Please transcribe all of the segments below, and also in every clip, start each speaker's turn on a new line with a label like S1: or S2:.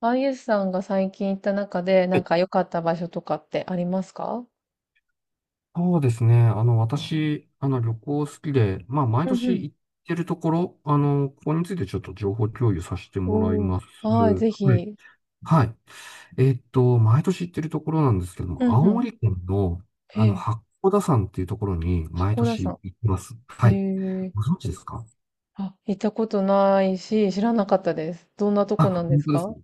S1: あゆさんが最近行った中で、
S2: は
S1: なん
S2: い
S1: か良かった場所とかってありますか？
S2: そうですね。私、旅行好きで、毎
S1: うんう
S2: 年
S1: ん。
S2: 行ってるところ、ここについてちょっと情報共有させてもらい
S1: おー。
S2: ます。
S1: はい、ぜ
S2: はい。
S1: ひ。
S2: はい。毎年行ってるところなんですけど
S1: う
S2: も、
S1: ん
S2: 青
S1: う
S2: 森県の、
S1: ん。へえ、
S2: 八甲田山っていうところに毎
S1: 箱田さ
S2: 年行って
S1: ん。
S2: ます。はい。
S1: へえ。
S2: ご存知ですか？
S1: あ、行ったことないし、知らなかったです。どんなと
S2: あ、
S1: こなんで
S2: 本
S1: す
S2: 当です
S1: か？
S2: か？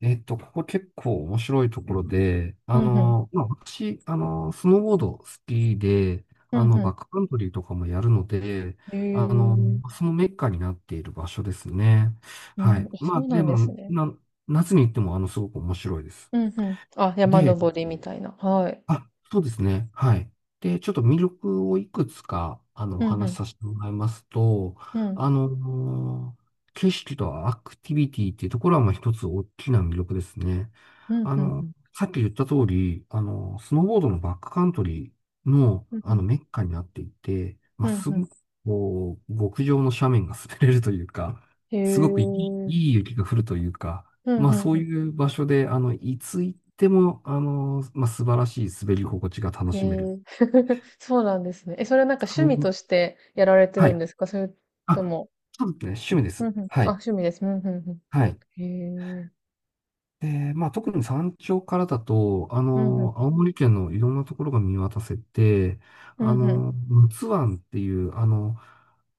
S2: ここ結構面白いところで、
S1: うんう
S2: 私、スノーボード好きで、
S1: うんうん。ん。
S2: バックカントリーとかもやるので、
S1: へ
S2: あの、
S1: え。
S2: そのメッカになっている場所ですね。
S1: う
S2: は
S1: ん、
S2: い。
S1: あ、
S2: ま
S1: そ
S2: あ、
S1: うな
S2: で
S1: んです
S2: も、
S1: ね。
S2: な、夏に行っても、すごく面白いです。
S1: うんうん。あ、山
S2: で、
S1: 登りみたいな。はい。
S2: あ、そうですね。はい。で、ちょっと魅力をいくつか、お
S1: うんう
S2: 話し
S1: ん。
S2: させてもらいますと、
S1: うん。
S2: あの景色とアクティビティっていうところは、まあ、一つ大きな魅力ですね。
S1: うん
S2: あ
S1: うんう
S2: の、
S1: ん。
S2: さっき言った通り、スノーボードのバックカントリーの、
S1: うんうん。
S2: メッカになっていて、ま
S1: う
S2: あ、
S1: ん
S2: すご
S1: う
S2: く、こう、極上の斜面が滑れるというか、
S1: ん。
S2: すごくいい、
S1: へえ。
S2: いい雪が降るというか、
S1: うんう
S2: ま
S1: ん
S2: あそう
S1: うん。
S2: いう場所で、いつ行っても、まあ素晴らしい滑り心地が楽
S1: へ
S2: しめる。
S1: え、そうなんですね。え、それはなんか趣
S2: そ
S1: 味
S2: う、
S1: としてやられて
S2: は
S1: るん
S2: い。
S1: ですか？それと
S2: あ、
S1: も。
S2: そうですね。趣味で
S1: うん
S2: す。
S1: うん。
S2: は
S1: あ、
S2: い。
S1: 趣味です。うんうんう
S2: はい。
S1: ん。へえ。
S2: で、まあ、特に山頂からだと、
S1: うんうん。
S2: 青森県のいろんなところが見渡せて、
S1: う
S2: あ
S1: んうん。
S2: の、陸奥湾っていう、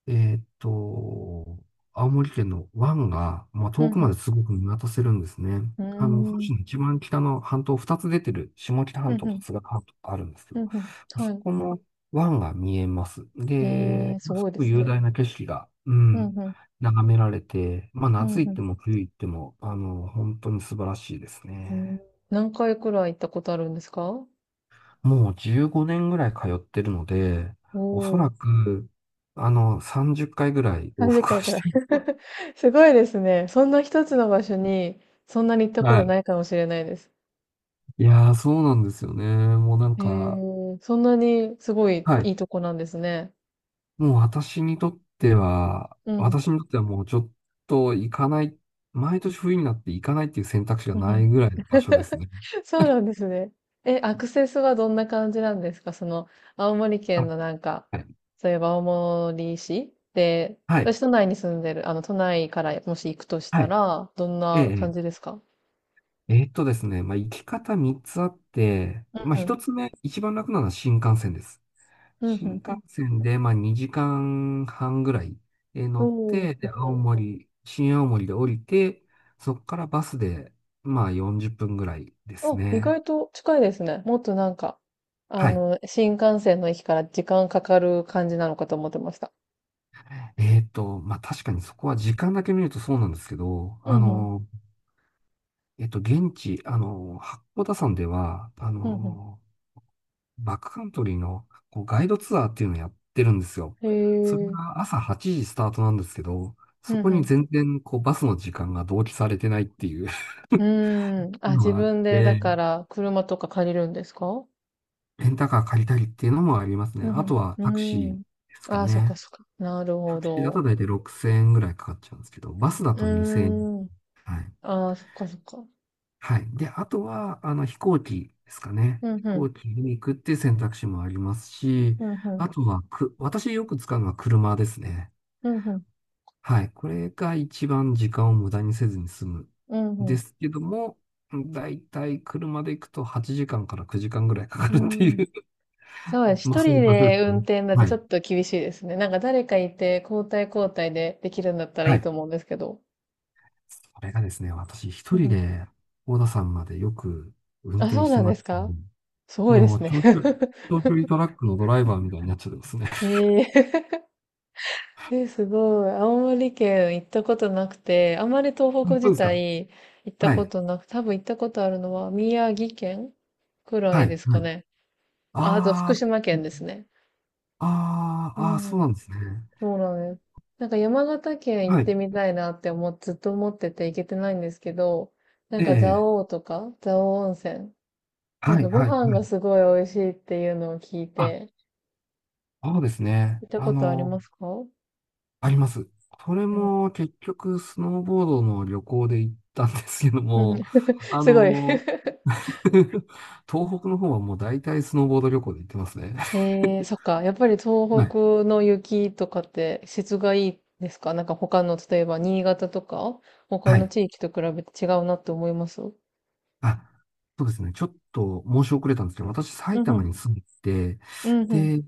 S2: えーっと、青森県の湾が、まあ、
S1: う
S2: 遠くま
S1: ん
S2: ですごく見渡せるんですね。
S1: う
S2: 本
S1: ん。うー
S2: 州の
S1: ん。
S2: 一番北の半島、二つ出てる、下北
S1: う
S2: 半島
S1: んう
S2: と
S1: ん。
S2: 津軽半島があるんですけ
S1: う
S2: ど、
S1: んうん。は
S2: そ
S1: い。
S2: この湾が見えます。
S1: へ
S2: で、
S1: え、す
S2: す
S1: ごいで
S2: ごく
S1: す
S2: 雄
S1: ね。
S2: 大な景色が、う
S1: う
S2: ん、
S1: んうん。
S2: 眺められて、まあ
S1: うん
S2: 夏行
S1: う
S2: って
S1: ん。
S2: も冬行っても、本当に素晴らしいです
S1: うん、
S2: ね。
S1: 何回くらい行ったことあるんですか？
S2: もう15年ぐらい通ってるので、
S1: お
S2: おそ
S1: お、
S2: らく、30回ぐらい往
S1: 30
S2: 復は
S1: 回くらい。
S2: してる。
S1: すごいですね。そんな一つの場所に、そんなに行っ たこ
S2: は
S1: と
S2: い。
S1: ないかもしれないです。
S2: いやー、そうなんですよね。もうなん
S1: へ
S2: か、
S1: え、そんなにすごい
S2: はい。
S1: いいとこなんですね。
S2: もう私にとっては、
S1: うん、
S2: 私にとってはもうちょっと行かない、毎年冬になって行かないっていう選択肢が
S1: うんう
S2: な
S1: ん
S2: いぐらいの場所ですね。
S1: そうなんですね。え、アクセスはどんな感じなんですか？その、青森
S2: あ、
S1: 県のなんか、
S2: はい。
S1: そういえば青森市で、
S2: はい。
S1: 私都内に住んでる、都内からもし行くとし
S2: は
S1: た
S2: い。
S1: ら、どん
S2: ええ。
S1: な感
S2: え
S1: じ
S2: え。
S1: ですか？
S2: えーっとですね、まあ、行き方3つあって、
S1: う
S2: まあ、1
S1: ん。
S2: つ目、一番楽なのは新幹線です。
S1: うん、う
S2: 新
S1: ん、う
S2: 幹
S1: ん。
S2: 線で、まあ、2時間半ぐらい乗
S1: お
S2: っ
S1: ー。
S2: て、で、新青森で降りて、そこからバスで、まあ、40分ぐらいです
S1: あ、意
S2: ね。
S1: 外と近いですね。もっとなんか、
S2: はい。
S1: 新幹線の駅から時間かかる感じなのかと思ってました。
S2: まあ、確かにそこは時間だけ見るとそうなんですけど、
S1: うん、うん、
S2: 現地、八甲田山では、
S1: うん、うん。
S2: バックカントリーのこうガイドツアーっていうのをやってるんですよ。
S1: へ
S2: それ
S1: え。
S2: が朝8時スタートなんですけど、そ
S1: う
S2: こ
S1: ん、う
S2: に
S1: ん、
S2: 全然こうバスの時間が同期されてないっていう
S1: うーん。あ、
S2: の
S1: 自
S2: があっ
S1: 分で、だ
S2: て、
S1: から、車とか借りるんですか？
S2: レンタカー借りたりっていうのもありますね。
S1: う
S2: あ
S1: ん
S2: とは
S1: う
S2: タクシー
S1: ん。うーん。
S2: ですか
S1: ああ、そっか
S2: ね。
S1: そっか。なる
S2: タ
S1: ほ
S2: クシーだと
S1: ど。
S2: 大体6000円ぐらいかかっちゃうんですけど、バスだ
S1: う
S2: と2000円。
S1: ーん。
S2: はい。
S1: ああ、そっかそっか。
S2: はい。で、あとは、飛行機ですかね。
S1: うん
S2: 飛
S1: うん。
S2: 行機に行くっていう選択肢もありますし、
S1: うんう
S2: あ
S1: ん。
S2: とはく、私よく使うのは車ですね。
S1: うんうん。
S2: はい。これが一番時間を無駄にせずに済む。
S1: うん
S2: で
S1: う
S2: すけども、だいたい車で行くと8時間から9時間ぐらいかかるって
S1: ん。うー
S2: い
S1: ん。
S2: う
S1: そうです。
S2: まあ
S1: 一
S2: そうい
S1: 人
S2: う場所で
S1: で
S2: す
S1: 運
S2: ね。
S1: 転だって
S2: は
S1: ち
S2: い。
S1: ょっと厳しいですね。なんか誰かいて交代交代でできるんだったらい
S2: は
S1: い
S2: い。
S1: と思うんですけど。
S2: それがですね、私一
S1: うん
S2: 人
S1: うん。
S2: で大田山までよく運
S1: あ、
S2: 転
S1: そう
S2: して
S1: なん
S2: ま
S1: で
S2: す
S1: す
S2: の
S1: か？
S2: で。
S1: すごいで
S2: もう
S1: すね。
S2: 長距離トラックのドライバーみたいになっちゃってますね。
S1: えええ、すごい。青森県行ったことなくて、あまり東北
S2: そう
S1: 自
S2: ですか？
S1: 体行った
S2: は
S1: こ
S2: い。
S1: となく、多分行ったことあるのは宮城県くら
S2: は
S1: い
S2: い。
S1: です
S2: は
S1: か
S2: い。
S1: ね。あ、あと
S2: あ
S1: 福島県で
S2: ー
S1: すね。う
S2: あーそう
S1: ん。
S2: なんですね。
S1: そうなんです。なんか山形県行
S2: は
S1: っ
S2: い。
S1: てみたいなって思っ、ずっと思ってて行けてないんですけど、なんか蔵
S2: ええ。
S1: 王とか、蔵王温泉。なん
S2: は
S1: か
S2: い、
S1: ご
S2: はい、
S1: 飯
S2: は
S1: が
S2: い。
S1: すごい美味しいっていうのを聞い
S2: あ、
S1: て、
S2: そうですね。
S1: 行ったことありますか？
S2: あります。それ
S1: でも、
S2: も結局、スノーボードの旅行で行ったんですけど
S1: うん。
S2: も、あ
S1: すごい。
S2: の、東北の方はもう大体スノーボード旅行で行ってますね。
S1: えー、そっか。やっぱり東
S2: はい。
S1: 北の雪とかって質がいいですか？なんか他の、例えば新潟とか、他
S2: は
S1: の
S2: い。
S1: 地域と比べて違うなって思います？うん、
S2: あ、そうですね。ちょっと申し遅れたんですけど、私、
S1: う
S2: 埼玉
S1: ん。
S2: に住んでて、
S1: うんうん。
S2: で、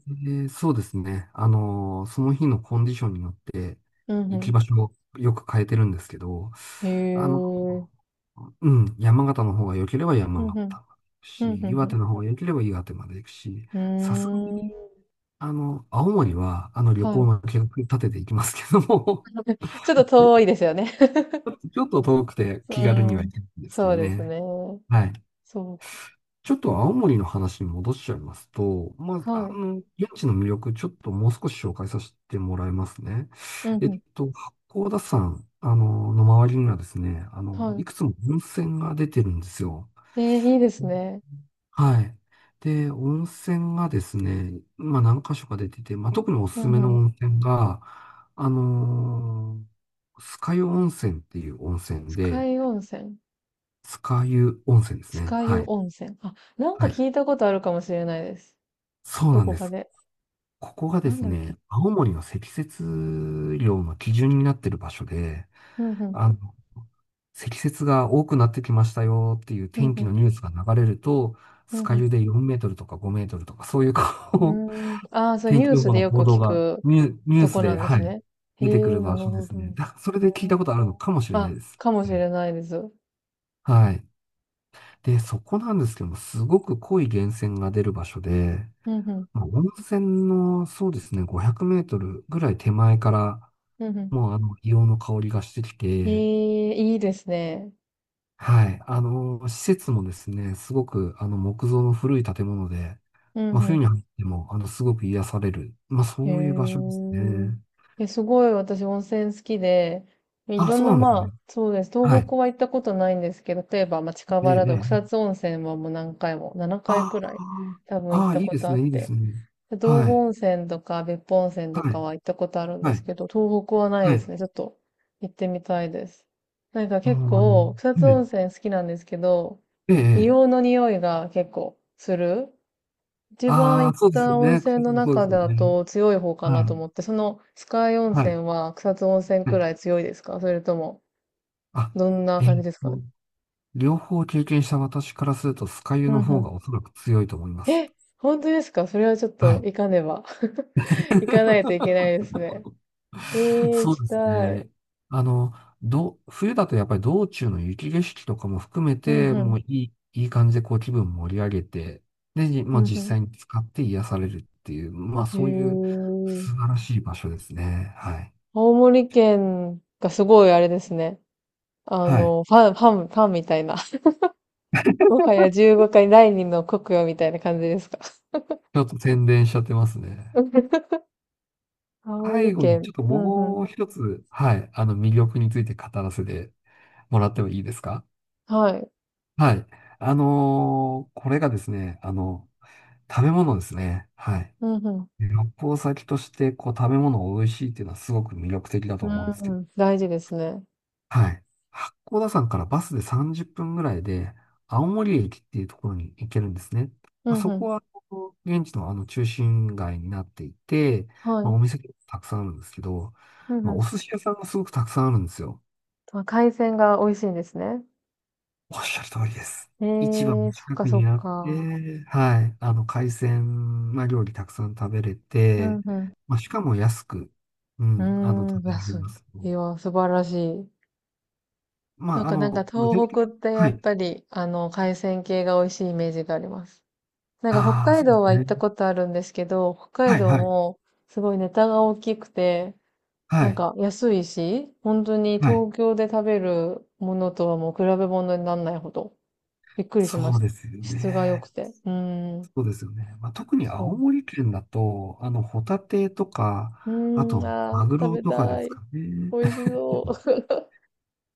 S2: そうですね。その日のコンディションによって
S1: うん
S2: 行き
S1: う
S2: 場所をよく変えてるんですけど、
S1: ん。
S2: あの
S1: へえ。
S2: うん、山形の方が良ければ
S1: う
S2: 山形
S1: んうん。
S2: まで行く
S1: うん
S2: し、岩
S1: う
S2: 手
S1: ん
S2: の方が良ければ岩手まで行くし、
S1: う
S2: さすがに、
S1: ん。うーん。
S2: 青森は、旅
S1: は
S2: 行
S1: い。
S2: の計画立てていきますけども
S1: ちょっと
S2: でち
S1: 遠いですよね。
S2: ょっと ちょっと遠くて
S1: う
S2: 気軽には
S1: ん。
S2: 行けないんですけ
S1: そ
S2: ど
S1: うです
S2: ね。
S1: ね。
S2: はい。
S1: そうか。
S2: ちょっと青森の話に戻しちゃいますと、
S1: はい。
S2: 現地の魅力、ちょっともう少し紹介させてもらいますね。
S1: うんうん。
S2: 八甲田山、の周りにはですね、い
S1: は
S2: くつも温泉が出てるんですよ。
S1: い。えー、いいですね。
S2: はい。で、温泉がですね、まあ何箇所か出てて、まあ特におす
S1: う
S2: す
S1: ん
S2: めの
S1: うん。
S2: 温泉が、あの酸ヶ湯温泉っていう温泉
S1: 酸ヶ
S2: で、
S1: 湯温泉。
S2: 酸ヶ湯温泉です
S1: 酸
S2: ね。
S1: ヶ
S2: は
S1: 湯
S2: い。
S1: 温泉。あ、なんか
S2: はい。
S1: 聞いたことあるかもしれないです。
S2: そう
S1: ど
S2: なん
S1: こ
S2: で
S1: か
S2: す。
S1: で。
S2: ここがで
S1: なん
S2: す
S1: だっけ。
S2: ね、青森の積雪量の基準になってる場所で、
S1: うんうん。
S2: あの、積雪が多くなってきましたよっていう
S1: うん
S2: 天
S1: う
S2: 気
S1: ん。
S2: のニュースが流れると、
S1: うん
S2: 酸ヶ
S1: う
S2: 湯で4メートルとか5メートルとか、そういう
S1: ん。
S2: こう
S1: うーん。ああ、そう、
S2: 天
S1: ニュ
S2: 気
S1: ー
S2: 予
S1: ス
S2: 報
S1: で
S2: の
S1: よ
S2: 報
S1: く
S2: 道
S1: 聞
S2: が
S1: く
S2: ニュー
S1: と
S2: ス
S1: こな
S2: で、
S1: んで
S2: は
S1: す
S2: い、
S1: ね。へ
S2: 出てく
S1: え、
S2: る
S1: なる
S2: 場所で
S1: ほ
S2: す
S1: ど。う
S2: ね。
S1: ん、
S2: だ、それで聞いたことあるのかもしれな
S1: あ、
S2: いです。
S1: かもし
S2: はい。
S1: れないです。うん、
S2: はい。で、そこなんですけども、すごく濃い源泉が出る場所で、
S1: うん
S2: まあ、温泉の、そうですね、500メートルぐらい手前から、
S1: うん。うん。
S2: もうあの、硫黄の香りがしてき
S1: へ
S2: て、
S1: え、いいですね。
S2: はい。施設もですね、すごく、木造の古い建物で、
S1: う
S2: ま
S1: ん
S2: あ、
S1: う
S2: 冬
S1: ん。
S2: に入っても、すごく癒される。まあ、そ
S1: へ
S2: ういう場所です
S1: え。
S2: ね。
S1: え、すごい私温泉好きで、い
S2: あ、
S1: ろん
S2: そ
S1: な
S2: うなんです
S1: ま
S2: ね。
S1: あ、そうです。
S2: は
S1: 東
S2: い。
S1: 北は行ったことないんですけど、例えば、まあ、近
S2: ええ、
S1: 場だ
S2: え
S1: と草
S2: え。
S1: 津温泉はもう何回も、7回く
S2: あ
S1: らい多分行
S2: あ
S1: っ
S2: あ、
S1: たことあっ
S2: いいで
S1: て。
S2: すね。
S1: で、道
S2: は
S1: 後
S2: い、
S1: 温泉とか別府温泉
S2: は
S1: とか
S2: い、
S1: は行ったことあるんで
S2: は
S1: す
S2: い、
S1: けど、東北はない
S2: は
S1: で
S2: い。
S1: すね。ちょっと行ってみたいです。なんか
S2: あああ
S1: 結
S2: の、
S1: 構、草
S2: う
S1: 津温
S2: ん、
S1: 泉好きなんですけど、
S2: ええ、ええ。
S1: 硫黄の匂いが結構する一番
S2: ああ、
S1: 行っ
S2: そうですよ
S1: た温
S2: ね。
S1: 泉の
S2: そうで
S1: 中
S2: すよ
S1: だ
S2: ね。
S1: と強い方かな
S2: は
S1: と
S2: い、
S1: 思って、そのスカイ温
S2: は
S1: 泉
S2: い、
S1: は草津温泉
S2: は
S1: くら
S2: い。
S1: い強いですか？それとも、
S2: あ、
S1: どんな感
S2: え
S1: じ
S2: っ
S1: ですかね？
S2: と、両方経験した私からすると、酸ヶ湯
S1: う
S2: の
S1: んう
S2: 方
S1: ん。
S2: がおそらく強いと思います。
S1: え、本当ですか？それはちょっ
S2: は
S1: と
S2: い。
S1: 行かねば。行かないといけ ないですね。え ー、行
S2: そう
S1: き
S2: です
S1: たい。
S2: ね。あの、冬だとやっぱり道中の雪景色とかも含め
S1: うん
S2: て、
S1: う
S2: も
S1: ん。
S2: ういい感じでこう気分盛り上げて、で、
S1: う
S2: まあ、
S1: ん
S2: 実
S1: うん。
S2: 際に使って癒されるっていう、まあそういう
S1: へ
S2: 素
S1: ー。
S2: 晴らしい場所ですね。はい。
S1: 青森県がすごいあれですね。
S2: はい。
S1: ファン、ファン、ファンみたいな。もはや15回第2の国よみたいな感じですか？
S2: ちょっと宣伝しちゃってますね。
S1: 香
S2: 最
S1: り
S2: 後に
S1: 券。
S2: ちょっと
S1: うんうん。
S2: もう一つ、はい、あの魅力について語らせてもらってもいいですか？
S1: はい。
S2: はい。これがですね、食べ物ですね。はい。
S1: うんうん。
S2: 旅行先として、こう、食べ物を美味しいっていうのはすごく魅力的だと
S1: う
S2: 思
S1: ん
S2: うんですけど。
S1: うん。大事ですね。
S2: はい。八甲田山からバスで30分ぐらいで、青森駅っていうところに行けるんですね。
S1: う
S2: まあ、
S1: ん
S2: そ
S1: う
S2: こ
S1: ん。
S2: は、こう現地のあの中心街になっていて、
S1: は
S2: まあ、
S1: い。
S2: お店がたくさんあるんですけど、
S1: うん
S2: ま
S1: う
S2: あ、お
S1: ん。
S2: 寿司屋さんがすごくたくさんあるんですよ。
S1: まあ、海鮮が美味しいんですね。
S2: おっしゃる通りです。
S1: え
S2: 市場の
S1: え、そっ
S2: 近
S1: か
S2: く
S1: そっ
S2: にあっ
S1: か。
S2: て、はい、海鮮、まあ、料理たくさん食べれ
S1: う
S2: て、
S1: んう
S2: まあ、しかも安く、うん、
S1: ん。
S2: 食
S1: うーん、
S2: べられ
S1: 安
S2: ます。
S1: い。いや、素晴らしい。
S2: ま
S1: そう
S2: あ、あ
S1: か、なんか
S2: の、具体
S1: 東
S2: 的
S1: 北っ
S2: な、
S1: てや
S2: は
S1: っ
S2: い。
S1: ぱり、海鮮系が美味しいイメージがあります。なんか北
S2: ああ、
S1: 海
S2: そうで
S1: 道
S2: す
S1: は行った
S2: ね。
S1: ことあるんですけど、北海
S2: はい、
S1: 道
S2: はい、
S1: もすごいネタが大きくて、
S2: は
S1: なん
S2: い、
S1: か安いし、本当に
S2: はい。
S1: 東京で食べるものとはもう比べ物にならないほど、びっくりしま
S2: そ
S1: し
S2: う
S1: た。
S2: ですよ
S1: 質が良く
S2: ね。
S1: て。うーん、
S2: そうですよね。まあ、特に青
S1: そ
S2: 森県だと、ホタテと
S1: う。
S2: か、あ
S1: うー
S2: と、
S1: ん、あー、
S2: マグ
S1: 食
S2: ロ
S1: べ
S2: とかで
S1: た
S2: す
S1: い。
S2: かね。
S1: 美味し そう。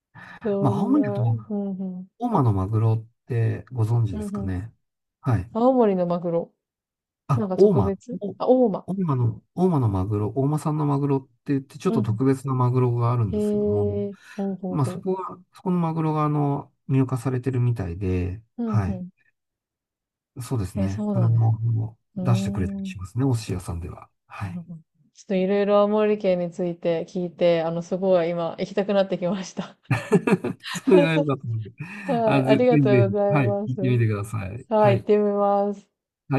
S2: ま
S1: そ
S2: あ、青
S1: んな、
S2: 森
S1: う
S2: だと、
S1: んうん、
S2: 大間のマグロってご存知
S1: うん
S2: です
S1: う
S2: か
S1: ん。
S2: ね？はい。
S1: 青森のマグロ。なん
S2: あ、
S1: か
S2: 大
S1: 特
S2: 間。
S1: 別、
S2: お
S1: あ、大間。
S2: 大間のマグロ、大間産のマグロって言って、ちょっ
S1: うん
S2: と
S1: う
S2: 特別なマグロがあるん
S1: ん。
S2: ですけども、
S1: へえ、ほうほうほ
S2: そこのマグロが入荷されてるみたいで、
S1: う。うん
S2: は
S1: う
S2: い。
S1: ん。
S2: そうです
S1: え、
S2: ね。
S1: そう
S2: それ
S1: なんです。
S2: も、あの
S1: うー
S2: 出してくれたり
S1: ん。
S2: しますね、お寿司屋さんでは。は
S1: な
S2: い。
S1: るほど。ちょっといろいろ青森県について聞いて、すごい今行きたくなってきました。
S2: それが良 かったので、
S1: は
S2: あ、
S1: い、あ
S2: ぜ
S1: りが
S2: ひぜ
S1: とうござ
S2: ひ、
S1: い
S2: はい、
S1: ま
S2: 行っ
S1: す。
S2: てみてください。
S1: は
S2: は
S1: い、行っ
S2: い。
S1: てみます。